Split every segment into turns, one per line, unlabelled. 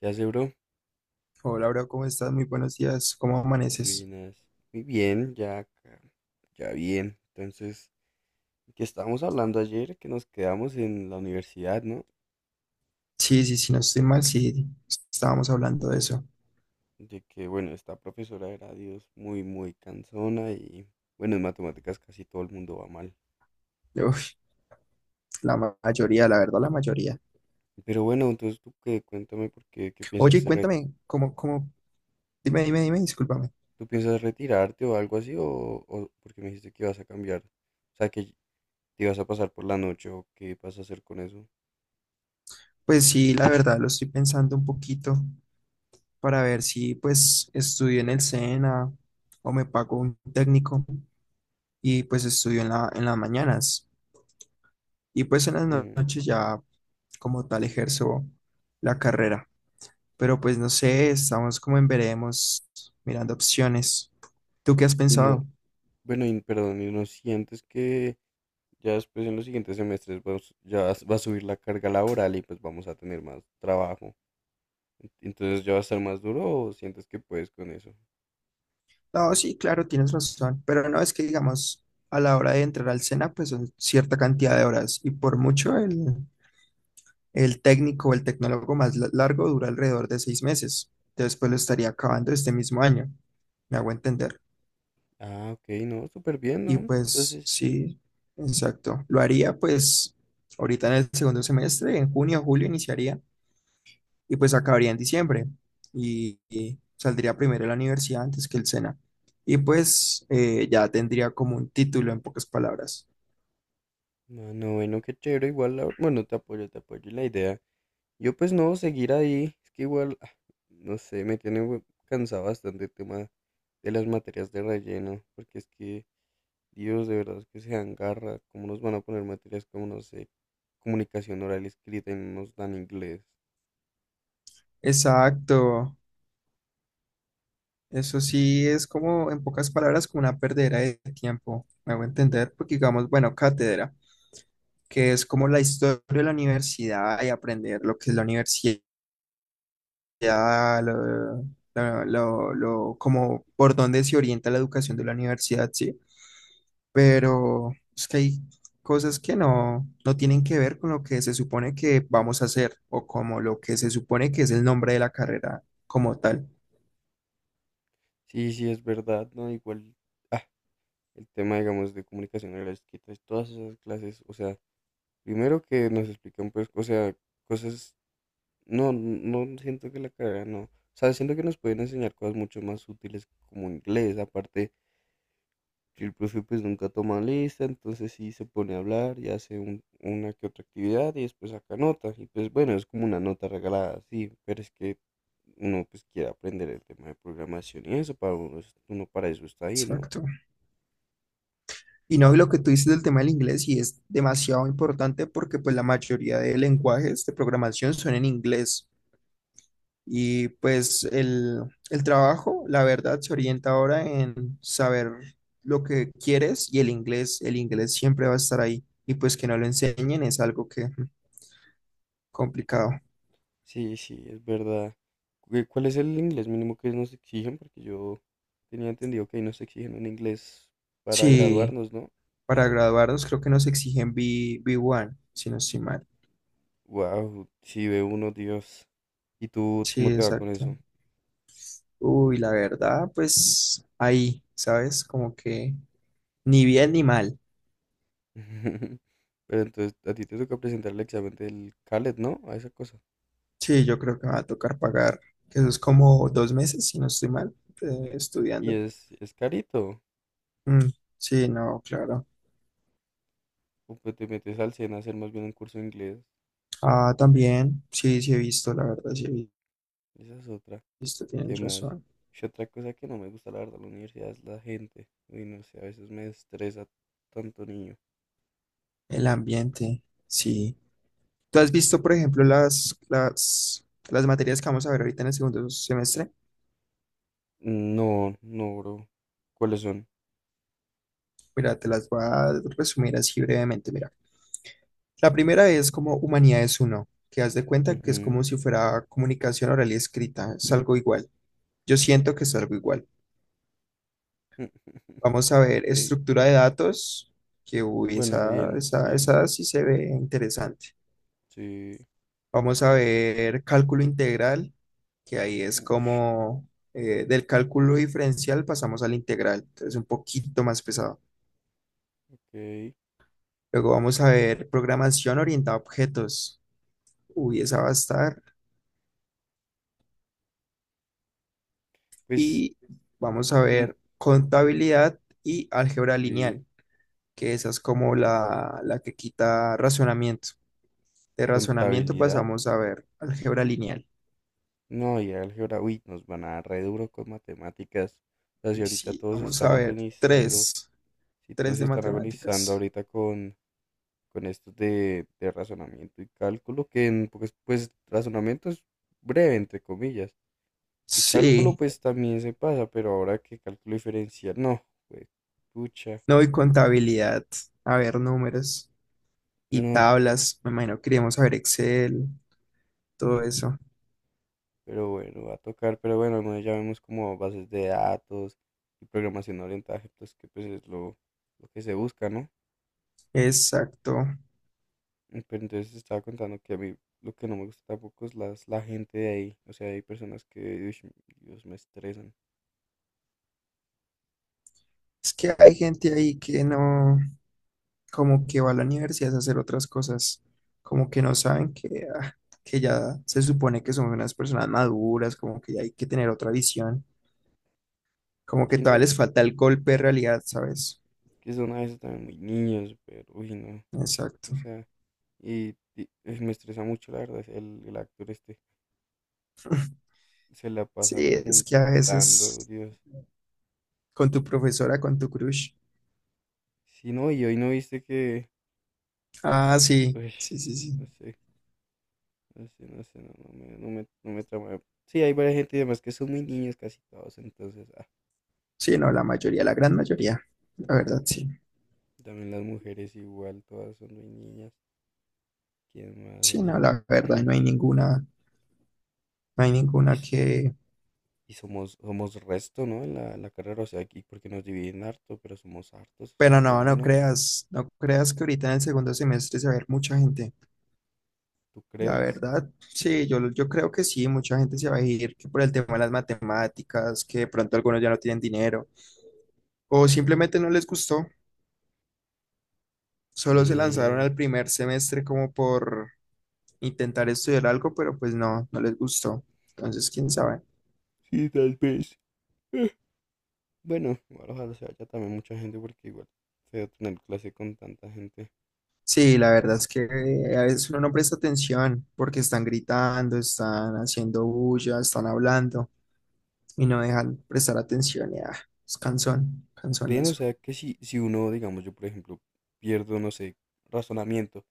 ¿Qué hace, bro?
Hola, bro, ¿cómo estás? Muy buenos días. ¿Cómo amaneces?
Buenas. Muy bien, ya acá. Ya bien. Entonces, que estábamos hablando ayer, que nos quedamos en la universidad, ¿no?
Sí, sí, sí, no estoy mal, sí, estábamos hablando de eso.
De que, bueno, esta profesora era, Dios, muy cansona y, bueno, en matemáticas casi todo el mundo va mal.
Uf, mayoría, la verdad, la mayoría.
Pero bueno, entonces tú qué, cuéntame por qué, qué piensas,
Oye, cuéntame, ¿cómo? Dime, dime, dime, discúlpame.
tú piensas retirarte o algo así, o porque me dijiste que ibas a cambiar, o sea, que te ibas a pasar por la noche o qué vas a hacer con eso.
Pues sí, la verdad, lo estoy pensando un poquito para ver si, pues, estudio en el SENA o me pago un técnico y, pues, estudio en las mañanas. Y, pues, en las
Mm.
noches ya, como tal, ejerzo la carrera. Pero pues no sé, estamos como en veremos, mirando opciones. ¿Tú qué has
Y no,
pensado?
bueno, y, perdón, y no sientes que ya después en los siguientes semestres ya va a subir la carga laboral y pues vamos a tener más trabajo. Entonces ya va a estar más duro o sientes que puedes con eso.
No, sí, claro, tienes razón, pero no es que digamos, a la hora de entrar al SENA, pues son cierta cantidad de horas y por mucho el técnico o el tecnólogo largo dura alrededor de 6 meses. Entonces, pues lo estaría acabando este mismo año, me hago entender.
Ah, ok, no, súper bien, ¿no?
Y pues
Entonces sí.
sí, exacto. Lo haría pues ahorita en el segundo semestre, en junio o julio iniciaría y pues acabaría en diciembre y saldría primero de la universidad antes que el SENA. Y pues ya tendría como un título en pocas palabras.
No, no, bueno, qué chévere, igual, bueno, te apoyo en la idea. Yo pues no, seguir ahí, es que igual, ah, no sé, me tiene cansado bastante el tema de las materias de relleno, porque es que Dios, de verdad que se dan garra. ¿Cómo nos van a poner materias como, no sé, comunicación oral y escrita y no nos dan inglés?
Exacto. Eso sí es como, en pocas palabras, como una perdera de tiempo. Me hago entender, porque digamos, bueno, cátedra, que es como la historia de la universidad y aprender lo que es la universidad, lo, como por dónde se orienta la educación de la universidad, sí, pero es que hay cosas que no, no tienen que ver con lo que se supone que vamos a hacer o como lo que se supone que es el nombre de la carrera como tal.
Sí, sí, es verdad, ¿no? Igual, ah, el tema, digamos, de comunicación oral y escrita, es todas esas clases, o sea, primero que nos explican, pues, o sea, cosas, no, no siento que la carrera, no. O sea, siento que nos pueden enseñar cosas mucho más útiles como inglés, aparte que el profe pues nunca toma lista, entonces sí se pone a hablar y hace una que otra actividad y después saca nota. Y pues bueno, es como una nota regalada, sí, pero es que uno pues quiere aprender el tema de programación y eso, para uno, uno para eso está ahí, ¿no?
Exacto. Y no, y lo que tú dices del tema del inglés, y es demasiado importante porque pues la mayoría de lenguajes de programación son en inglés. Y pues el trabajo, la verdad, se orienta ahora en saber lo que quieres y el inglés siempre va a estar ahí. Y pues que no lo enseñen es algo que mm, complicado.
Sí, sí, es verdad. ¿Cuál es el inglés mínimo que nos exigen? Porque yo tenía entendido que ahí nos exigen un inglés para
Sí,
graduarnos, ¿no?
para graduarnos creo que nos exigen B1, si no estoy mal.
Wow, sí ve uno, Dios. ¿Y tú
Sí,
cómo te va con
exacto.
eso?
Uy, la verdad, pues ahí, ¿sabes? Como que ni bien ni mal.
Pero entonces a ti te toca presentar el examen del CALET, ¿no? A esa cosa.
Sí, yo creo que me va a tocar pagar, que eso es como 2 meses, si no estoy mal,
Y
estudiando.
es carito.
Mm, sí, no, claro.
O pues te metes al SENA a hacer más bien un curso de inglés.
Ah, también, sí, sí he visto, la verdad, sí he
Esa es otra.
visto,
¿Qué
tienes
más?
razón.
Y otra cosa que no me gusta, la verdad, de la universidad es la gente. Uy, no sé, a veces me estresa tanto niño.
El ambiente, sí. ¿Tú has
que
visto, por
son-
ejemplo, las materias que vamos a ver ahorita en el segundo semestre?
No, no, bro. ¿Cuáles son?
Mira, te las voy a resumir así brevemente. Mira, la primera es como Humanidades uno, que haz de cuenta que es
Ujú.
como si fuera comunicación oral y escrita, es algo igual. Yo siento que es algo igual. Vamos a ver
Ok.
estructura de datos, que uy,
Bueno,
esa,
bien,
esa,
bien.
esa sí se ve interesante.
Sí.
Vamos a ver cálculo integral, que ahí es
Ush,
como del cálculo diferencial pasamos al integral, entonces un poquito más pesado.
ok.
Luego vamos a ver programación orientada a objetos. Uy, esa va a estar,
Pues,
y vamos a
mm,
ver contabilidad y álgebra
sí.
lineal, que esa es como la que quita razonamiento. De razonamiento
Contabilidad.
pasamos a ver álgebra lineal.
No, y álgebra, uy, nos van a dar re duro con matemáticas. O sea, si
Y
ahorita
sí,
todos
vamos
están
a ver
agonizando,
tres,
si
tres
todos
de
están agonizando
matemáticas.
ahorita con estos de razonamiento y cálculo, que en, pues, pues razonamiento es breve, entre comillas. Y cálculo,
Sí,
pues también se pasa, pero ahora que cálculo diferencial, no, pues, pucha,
no, y contabilidad, a ver números y
no,
tablas, me imagino que queríamos saber Excel, todo eso.
pero bueno, va a tocar, pero bueno, al menos ya vemos como bases de datos y programación orientada a objetos, que pues es lo que se busca, ¿no?
Exacto.
Mm. Pero entonces te estaba contando que a mí lo que no me gusta tampoco es las, la gente de ahí. O sea, hay personas que, uish, Dios, me estresan.
Es que hay gente ahí que no, como que va a la universidad a hacer otras cosas, como que no saben que, que ya se supone que son unas personas maduras, como que ya hay que tener otra visión, como que
Sí, no,
todavía
y
les
es
falta el golpe de realidad, ¿sabes?
que son a veces también muy niños, pero, uy, no. O
Exacto.
sea, y, uy, me estresa mucho, la verdad, el actor este. Se la
Sí,
pasa
es que a
preguntando,
veces
Dios.
con tu profesora, con tu crush.
Sí, no, y hoy no viste que,
Ah, sí,
uy,
sí, sí, sí.
no sé, no sé, no sé, no, no me trama. Sí, hay varias gente y demás que son muy niños casi todos, entonces, ah,
Sí, no, la mayoría, la gran mayoría, la verdad, sí.
también las mujeres igual, todas son muy niñas. ¿Quién más
Sí, no,
así?
la verdad, no hay ninguna, no hay
Y,
ninguna que...
y somos, somos resto, ¿no? En la, la carrera, o sea, aquí porque nos dividen harto, pero somos hartos a
Pero
la
no,
final,
no
¿no?
creas, no creas que ahorita en el segundo semestre se va a ver mucha gente.
¿Tú
La
crees?
verdad, sí, yo creo que sí, mucha gente se va a ir que por el tema de las matemáticas, que de pronto algunos ya no tienen dinero, o simplemente no les gustó, solo se lanzaron
Eh,
al primer semestre como por intentar estudiar algo, pero pues no, no les gustó. Entonces, quién sabe.
sí, tal vez. Eh, Bueno, igual ojalá se vaya también mucha gente porque igual feo tener clase con tanta gente.
Sí, la verdad es que a veces uno no presta atención porque están gritando, están haciendo bulla, están hablando y no dejan prestar atención. Ya, es cansón, cansón
Ven, o
eso.
sea, que si, si uno, digamos, yo por ejemplo, pierdo, no sé, razonamiento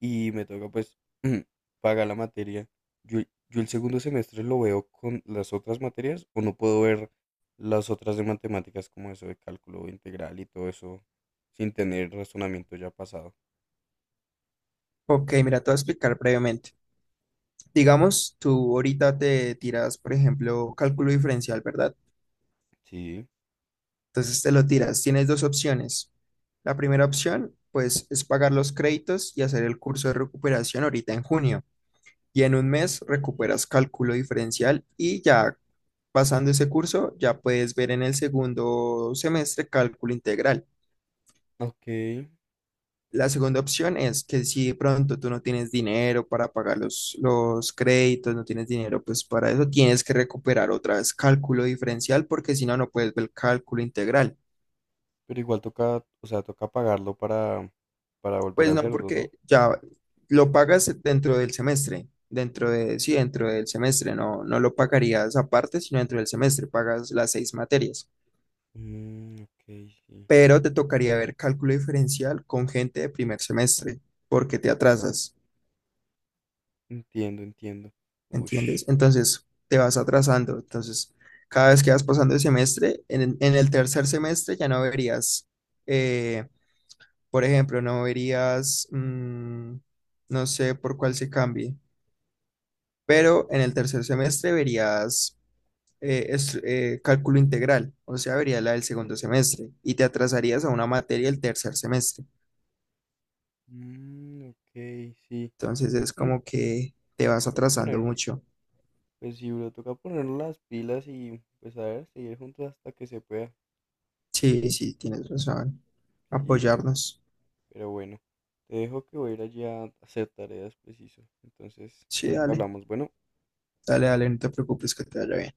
y me toca pues pagar la materia. Yo, yo el segundo semestre lo veo con las otras materias o no puedo ver las otras de matemáticas como eso de cálculo integral y todo eso sin tener razonamiento ya pasado.
Ok, mira, te voy a explicar brevemente. Digamos, tú ahorita te tiras, por ejemplo, cálculo diferencial, ¿verdad?
Sí,
Entonces te lo tiras. Tienes dos opciones. La primera opción, pues, es pagar los créditos y hacer el curso de recuperación ahorita en junio. Y en un mes recuperas cálculo diferencial y ya pasando ese curso, ya puedes ver en el segundo semestre cálculo integral.
ok,
La segunda opción es que si de pronto tú no tienes dinero para pagar los créditos, no tienes dinero, pues para eso tienes que recuperar otra vez cálculo diferencial porque si no, no puedes ver cálculo integral.
pero igual toca, o sea, toca pagarlo para volver
Pues
a
no,
hacerlo, ¿no?
porque ya lo pagas dentro del semestre, dentro de, sí, dentro del semestre, no, no lo pagarías aparte, sino dentro del semestre, pagas las seis materias.
Mm, ok, sí,
Pero te tocaría ver cálculo diferencial con gente de primer semestre porque te atrasas.
entiendo, entiendo. Ush.
¿Entiendes? Entonces te vas atrasando. Entonces, cada vez que vas pasando el semestre, en el tercer semestre ya no verías, eh, por ejemplo, no verías, mm, no sé por cuál se cambie, pero en el tercer semestre verías cálculo integral, o sea, verías la del segundo semestre y te atrasarías a una materia el tercer semestre.
Mm, ok, sí.
Entonces es
Mm,
como que te vas
toca
atrasando
ponerlos.
mucho.
Pues sí, bro, toca ponernos las pilas y pues a ver, seguir juntos hasta que se pueda.
Sí, sí, tienes razón.
Sí, bro,
Apoyarnos.
pero bueno, te dejo que voy a ir allá a hacer tareas preciso. Entonces,
Sí,
ahorita
dale.
hablamos. Bueno.
Dale, dale, no te preocupes, que te vaya bien.